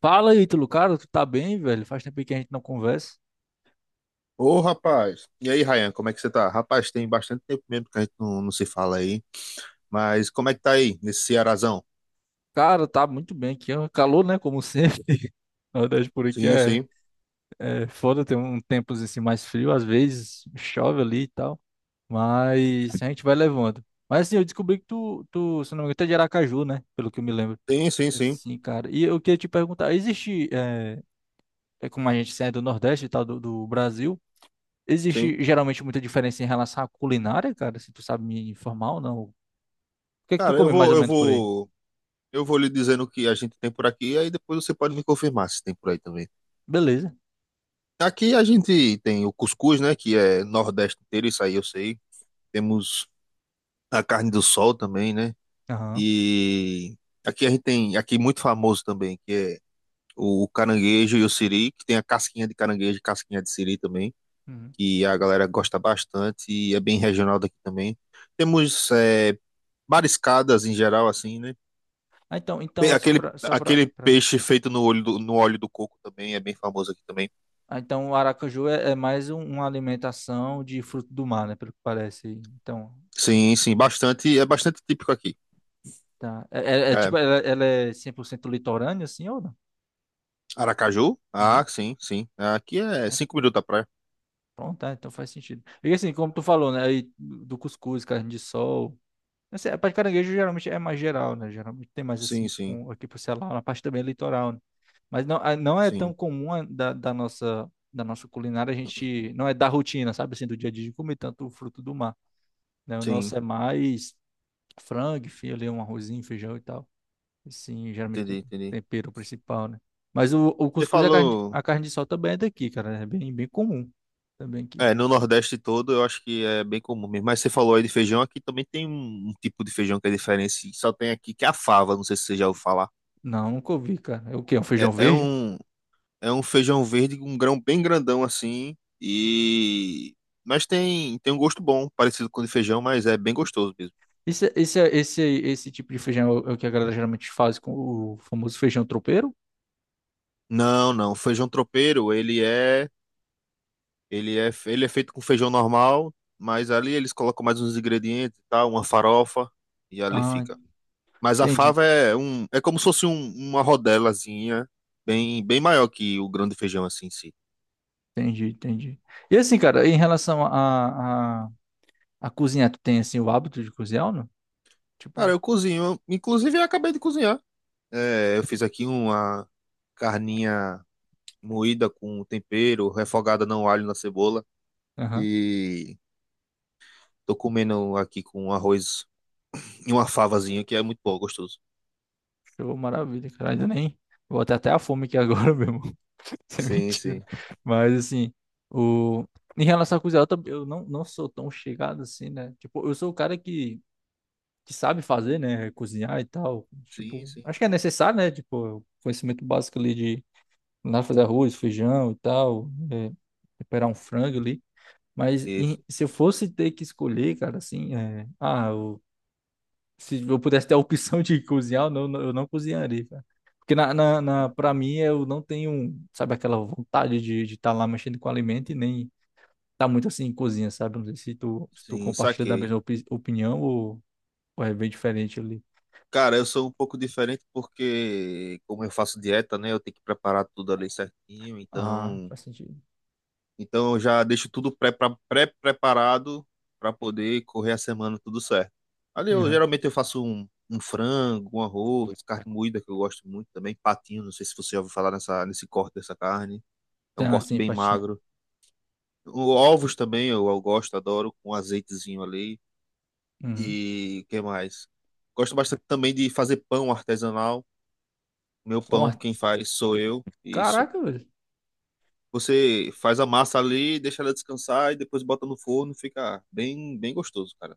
Fala, Ítalo, cara, tu tá bem, velho? Faz tempo aí que a gente não conversa. Ô, rapaz. E aí, Ryan, como é que você tá? Rapaz, tem bastante tempo mesmo que a gente não se fala aí. Mas como é que tá aí, nesse Cearazão? Cara, tá muito bem aqui. É um calor, né? Como sempre. Na verdade, por aqui Sim, é, sim. é foda ter um tempos assim mais frio. Às vezes chove ali e tal. Mas a gente vai levando. Mas assim, eu descobri que tu, se não me engano, tu é de Aracaju, né? Pelo que eu me lembro. Sim, sim, sim, Assim, cara. E eu queria te perguntar: existe, é como a gente é do Nordeste e tal, do Brasil, sim. existe geralmente muita diferença em relação à culinária, cara? Se tu sabe me informar ou não? O que é que tu Cara, come mais ou menos por aí? Eu vou lhe dizendo o que a gente tem por aqui, e aí depois você pode me confirmar se tem por aí também. Beleza. Aqui a gente tem o cuscuz, né, que é nordeste inteiro, isso aí eu sei. Temos a carne do sol também, né? Aham. E aqui a gente tem, aqui muito famoso também, que é o caranguejo e o siri, que tem a casquinha de caranguejo e casquinha de siri também, Uhum. que a galera gosta bastante e é bem regional daqui também. Temos é, mariscadas em geral, assim, né? Ah, então, então só Aquele, para só aquele para peixe feito no no óleo do coco também é bem famoso aqui também. Ah, então o Aracaju é mais uma alimentação de fruto do mar, né, pelo que parece. Então, Sim, sim, bastante, é bastante típico aqui. tá. É É, tipo ela é 100% litorânea assim ou não? Aracaju? Uhum. Ah, sim, sim. Aqui é Ah, cinco minutos da praia. pronto, tá, então faz sentido. E assim, como tu falou, né, aí do cuscuz, carne de sol. Assim, a parte de caranguejo geralmente é mais geral, né? Geralmente tem mais Sim, assim sim, com aqui pro Ceará, na parte também é litoral. Mas não, não é tão sim, comum da nossa culinária. A gente não é da rotina, sabe assim, do dia a dia de comer tanto o fruto do mar, né? O sim. nosso é mais frango, enfim filé, um arrozinho, feijão e tal. Assim, geralmente Entendi, com entendi. tempero principal, né? Mas o Você cuscuz e a carne, falou. a carne de sol também é daqui, cara, né? É bem bem comum também aqui. É, no Nordeste todo eu acho que é bem comum mesmo. Mas você falou aí de feijão, aqui também tem um tipo de feijão que é diferente, e só tem aqui que é a fava, não sei se você já ouviu falar. Não, nunca ouvi, cara. É o quê? É um feijão É, é verde? um, é um feijão verde com um grão bem grandão assim, e... Mas tem, tem um gosto bom, parecido com o de feijão, mas é bem gostoso mesmo. Esse tipo de feijão é o que a galera geralmente faz com o famoso feijão tropeiro? Não, não, o feijão tropeiro, ele é feito com feijão normal, mas ali eles colocam mais uns ingredientes e tal, uma farofa, e ali Ah, fica. Mas a entendi. fava é um, é como se fosse uma rodelazinha bem, bem maior que o grão de feijão assim em si. Entendi, entendi. E assim, cara, em relação a cozinhar, tu tem assim o hábito de cozinhar ou não? Cara, Tipo, eu cozinho, inclusive eu acabei de cozinhar. É, eu fiz aqui uma carninha moída com tempero, refogada no alho e na cebola aham, e tô comendo aqui com arroz e uma favazinha que é muito bom, gostoso. show, maravilha, cara, ainda nem. Vou até a fome aqui agora mesmo, isso é Sim, mentira. sim. Mas assim, o... em relação a cozinhar, eu não sou tão chegado assim, né? Tipo, eu sou o cara que sabe fazer, né? Cozinhar e tal. Sim, Tipo, sim. acho que é necessário, né? Tipo, conhecimento básico ali de lá fazer arroz, feijão e tal, temperar um frango ali. Mas Isso. Se eu fosse ter que escolher, cara, assim, se eu pudesse ter a opção de cozinhar, eu não cozinharia, cara. Porque pra Uhum. mim, eu não tenho, sabe, aquela vontade de estar lá mexendo com alimento e nem tá muito assim em cozinha, sabe? Não sei se tu Sim, compartilha da saquei. mesma opinião ou é bem diferente ali. Cara, eu sou um pouco diferente porque, como eu faço dieta, né, eu tenho que preparar tudo ali certinho, Ah, então, faz sentido. então eu já deixo tudo pré-preparado para poder correr a semana tudo certo. Ali eu Uhum. geralmente eu faço um frango, um arroz, carne moída que eu gosto muito também, patinho, não sei se você já ouviu falar nesse corte dessa carne, é um Tem assim, corte bem empatia. magro. Ovos também eu gosto, adoro, com azeitezinho ali. Uhum. E o que mais? Gosto bastante também de fazer pão artesanal. Meu Bom, pão, ah, quem faz sou eu. Isso. caraca, velho. Você faz a massa ali, deixa ela descansar e depois bota no forno, fica bem, bem gostoso, cara.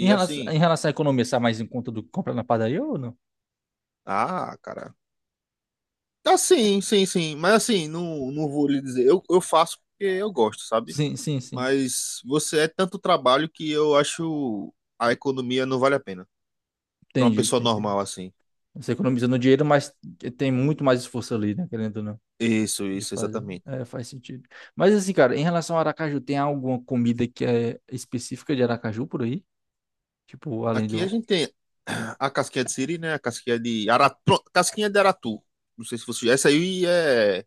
Em relação, assim, em relação à economia, sai mais em conta do que comprar na padaria ou não? ah, cara. Tá sim, sim, sim. Mas assim, não, não vou lhe dizer. Eu faço porque eu gosto, sabe? Sim, sim, sim. Mas você é tanto trabalho que eu acho a economia não vale a pena. Pra uma Entendi, pessoa entendi. normal assim. Você economizando dinheiro, mas tem muito mais esforço ali, né? Querendo ou não, Isso, de isso, fazer. exatamente. É, faz sentido. Mas assim, cara, em relação ao Aracaju, tem alguma comida que é específica de Aracaju por aí? Tipo, além Aqui a do. gente tem a casquinha de siri, né? A casquinha de aratu. Não sei se você. Essa aí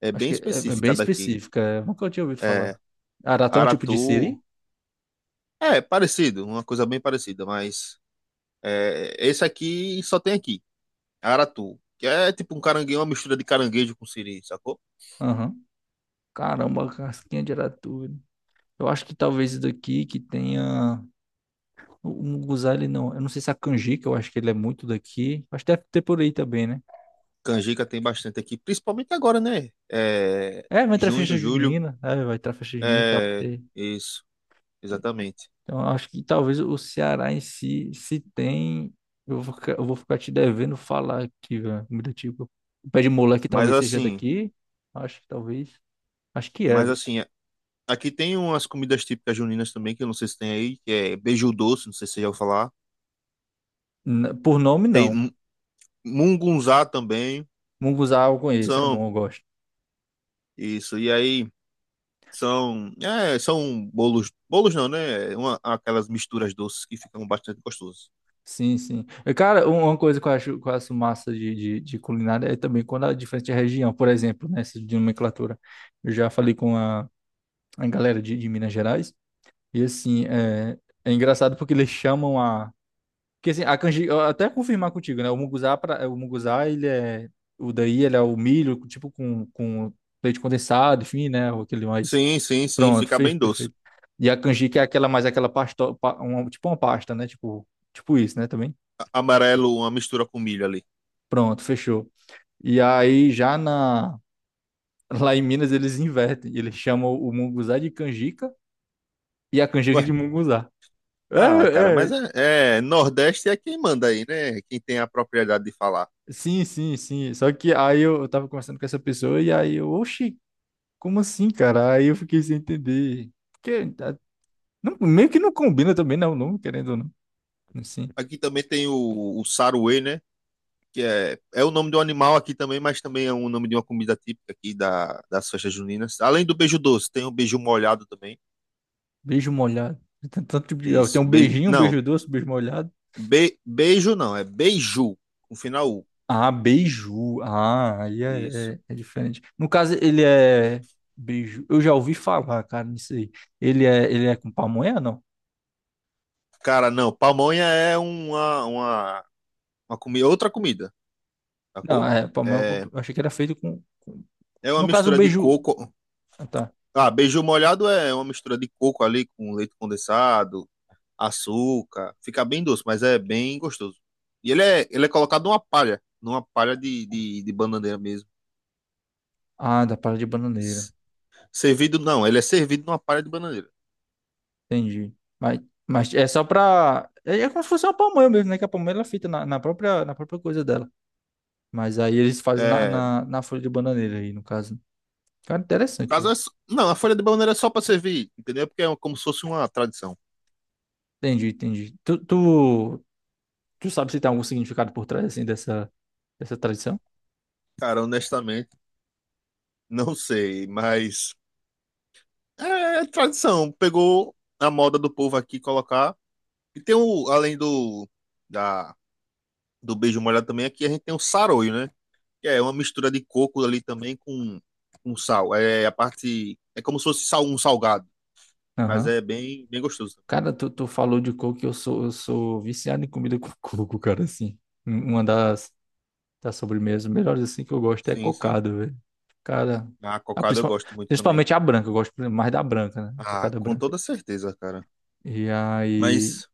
é Acho bem que é bem específica daqui. específica. Nunca eu tinha ouvido falar. É, Aratá é um tipo de Aratu siri? é parecido, uma coisa bem parecida, mas é, esse aqui só tem aqui, Aratu, que é tipo um caranguejo, uma mistura de caranguejo com siri, sacou? Aham. Caramba, casquinha de aratu. Eu acho que talvez daqui que tenha. O munguzá, ele não. Eu não sei se é a canjica, eu acho que ele é muito daqui. Acho que deve ter por aí também, né? Canjica tem bastante aqui, principalmente agora, né? É, É, vai entrar festa junho, julho, junina. É, vai entrar festa junina, tal. é Ter- isso, ter. exatamente. Então, eu acho que talvez o Ceará em si, se tem. Eu vou ficar te devendo falar aqui, velho. Comida tipo. O pé de moleque Mas talvez seja assim, daqui. Acho que talvez. Acho que é, mas velho. assim, aqui tem umas comidas típicas juninas também, que eu não sei se tem aí, que é beiju doce, não sei se você já ouviu falar. Por nome, Tem não. Mungunzá também. Munguzá eu conheço, é São bom, eu gosto. isso, e aí são, é, são bolos, bolos não, né? Uma, aquelas misturas doces que ficam bastante gostosas. Sim, sim. E, cara, uma coisa que eu acho massa de culinária é também quando é diferente de região, por exemplo, né, essa de nomenclatura. Eu já falei com a galera de Minas Gerais, e assim, é engraçado porque eles chamam a. Porque assim, a canjica, eu até confirmar contigo, né, o munguzá, ele é. O daí, ele é o milho, tipo, com leite condensado, enfim, né, ou aquele mais. Sim, sim, sim, Pronto, fica fez, bem doce. perfeito. E a canjica é aquela mais aquela pasta, tipo uma pasta, né, tipo isso, né, também. Amarelo, uma mistura com milho ali. Pronto, fechou. E aí já na Lá em Minas eles invertem, eles chamam o munguzá de canjica e a canjica Ué, de munguzá. ah, cara, É, mas é, é, é, Nordeste é quem manda aí, né? Quem tem a propriedade de falar. sim, sim, sim. Só que aí eu tava conversando com essa pessoa e aí eu, oxi, como assim, cara? Aí eu fiquei sem entender. Porque tá, meio que não combina também, não, não, querendo ou não. Assim, Aqui também tem o saruê, né? Que é o nome de um animal aqui também, mas também é o nome de uma comida típica aqui das festas juninas. Além do beijo doce, tem o beijo molhado também. beijo molhado. Tem tanto, eu Isso. tenho um beijinho, um beijo doce, um beijo molhado. Beijo não, é beiju, com final U. Ah, beiju. Ah, aí é, Isso. é, é diferente. No caso, ele é beiju. Eu já ouvi falar, cara, nisso aí. Ele é com pamonha, não? Cara, não, pamonha é uma comida, outra comida, Não, sacou? é pamonha. Eu comp- É, eu achei que era feito com. é uma No caso, o mistura de beiju. coco. Ah, tá. Ah, beiju molhado é uma mistura de coco ali com leite condensado, açúcar. Fica bem doce, mas é bem gostoso. E ele é colocado numa palha de bananeira mesmo. Ah, da palha de bananeira. S- Servido, não, ele é servido numa palha de bananeira. Entendi. Mas, mas é só pra. É como se fosse uma pamonha mesmo, né? Que a pamonha ela é feita na própria coisa dela. Mas aí eles fazem na, É, na, na folha de bananeira aí, no caso. Cara, no interessante, caso, velho. Não, a folha de bananeira é só para servir, entendeu? Porque é como se fosse uma tradição. Entendi, entendi. Tu sabe se tem algum significado por trás, assim, dessa tradição? Cara, honestamente, não sei, mas é, é tradição. Pegou a moda do povo aqui colocar. E tem o, da, do beijo molhado também, aqui a gente tem o saroio, né? Que é uma mistura de coco ali também com sal. É a parte. É como se fosse sal, um salgado, mas Aham. é bem, bem gostoso. Cara, tu falou de coco e eu sou viciado em comida com coco, cara, assim. Uma das sobremesas melhores, assim, que eu gosto é Sim, sim. cocada, velho. Cara, A a cocada eu principal- gosto muito também. principalmente a branca, eu gosto mais da branca, né? Ah, Cocada com branca. toda certeza, cara. E aí, Mas.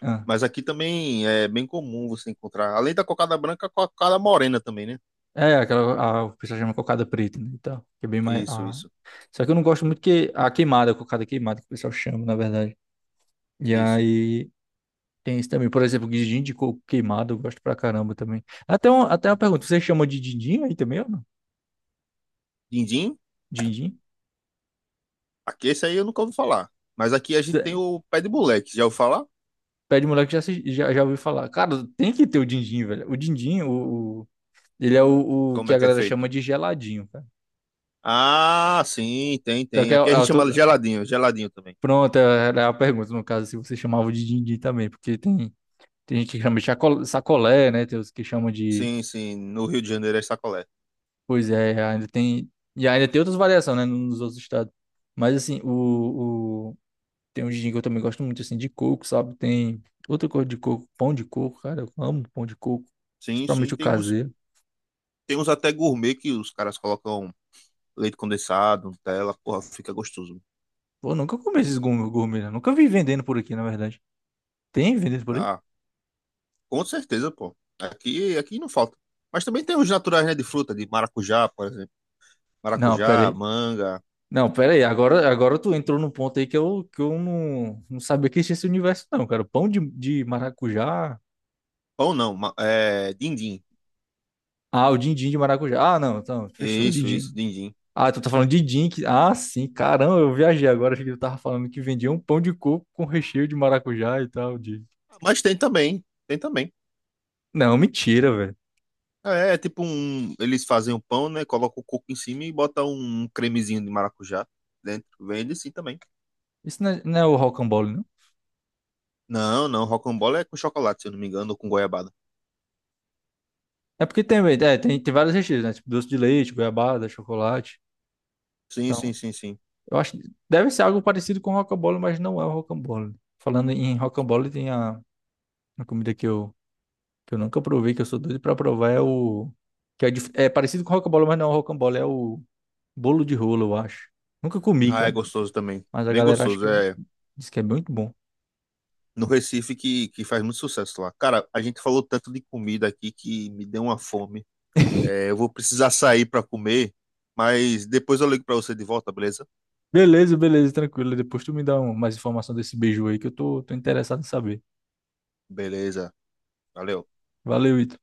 ah, Mas aqui também é bem comum você encontrar, além da cocada branca, a cocada morena também, né? é, aquela, a, o pessoal chama cocada preta, né? Então, que é bem mais. Isso, Ah. isso, Só que eu não gosto muito que a queimada, a cocada queimada, que o pessoal chama, na verdade. E isso. aí. Tem isso também. Por exemplo, guindinho de coco queimado, eu gosto pra caramba também. Até uma pergunta, você chama de dindim aí também ou não? Dindim? Dindim? Aqui esse aí eu nunca ouvi falar. Mas aqui a gente Cê- tem o pé de moleque. Já ouviu falar? Pede moleque já, se- já, já ouviu falar. Cara, tem que ter o dindim, velho. O dindim, ele é o Como que é a que é galera chama feito? de geladinho, cara. Ah, sim, tem, Só tem. que Aqui a gente chama de geladinho, geladinho também. pronto, era a pergunta, no caso, se você chamava de dindim também, porque tem gente que chama de sacolé, né? Tem os que chamam de. Sim, sim. No Rio de Janeiro é sacolé. Pois é, ainda tem. E ainda tem outras variações, né? Nos outros estados. Mas assim, tem um gin que eu também gosto muito, assim, de coco, sabe? Tem outra coisa de coco, pão de coco, cara, eu amo pão de coco. Sim, sim. Principalmente o caseiro. Tem uns até gourmet que os caras colocam leite condensado, Nutella, porra, fica gostoso. Pô, eu nunca comi esses gourmet, gourmet, né? Nunca vi vendendo por aqui, na verdade. Tem vendendo por aí? Ah, com certeza, pô. Aqui, aqui não falta. Mas também tem os naturais, né, de fruta, de maracujá, por exemplo. Não, pera Maracujá, aí. manga. Não, pera aí. Agora tu entrou num ponto aí que eu, não sabia que existia esse universo, não, cara. Pão de maracujá. Pão não, é dindim. Ah, o din-din de maracujá. Ah, não, então, fechou, o Isso, din-din. dindim. Ah, tu tá falando de din que. Ah, sim, caramba, eu viajei agora, achei que tu tava falando que vendia um pão de coco com recheio de maracujá e tal, de. Mas tem também, tem também. Não, mentira, velho. É, é tipo um, eles fazem o pão, né, colocam o coco em cima e botam um cremezinho de maracujá dentro. Vende sim também. Isso não é o rocambole, não? Não, não, rocambole é com chocolate, se eu não me engano, ou com goiabada. É porque tem vários recheios, né? Tipo doce de leite, goiabada, chocolate. Sim, sim, Então, sim, sim. eu acho que deve ser algo parecido com rocambole, mas não é o rocambole. Falando em rocambole, tem a comida que eu, nunca provei, que eu sou doido pra provar, é o. É parecido com rocambole, mas não é o rocambole, é o bolo de rolo, eu acho. Nunca comi, Ah, é cara. gostoso também. Mas a Bem galera gostoso. É diz que é muito bom. no Recife que faz muito sucesso lá. Cara, a gente falou tanto de comida aqui que me deu uma fome. É, eu vou precisar sair para comer, mas depois eu ligo para você de volta, beleza? Beleza, beleza, tranquilo. Depois tu me dá mais informação desse beijo aí que eu tô interessado em saber. Beleza. Valeu. Valeu, Ito.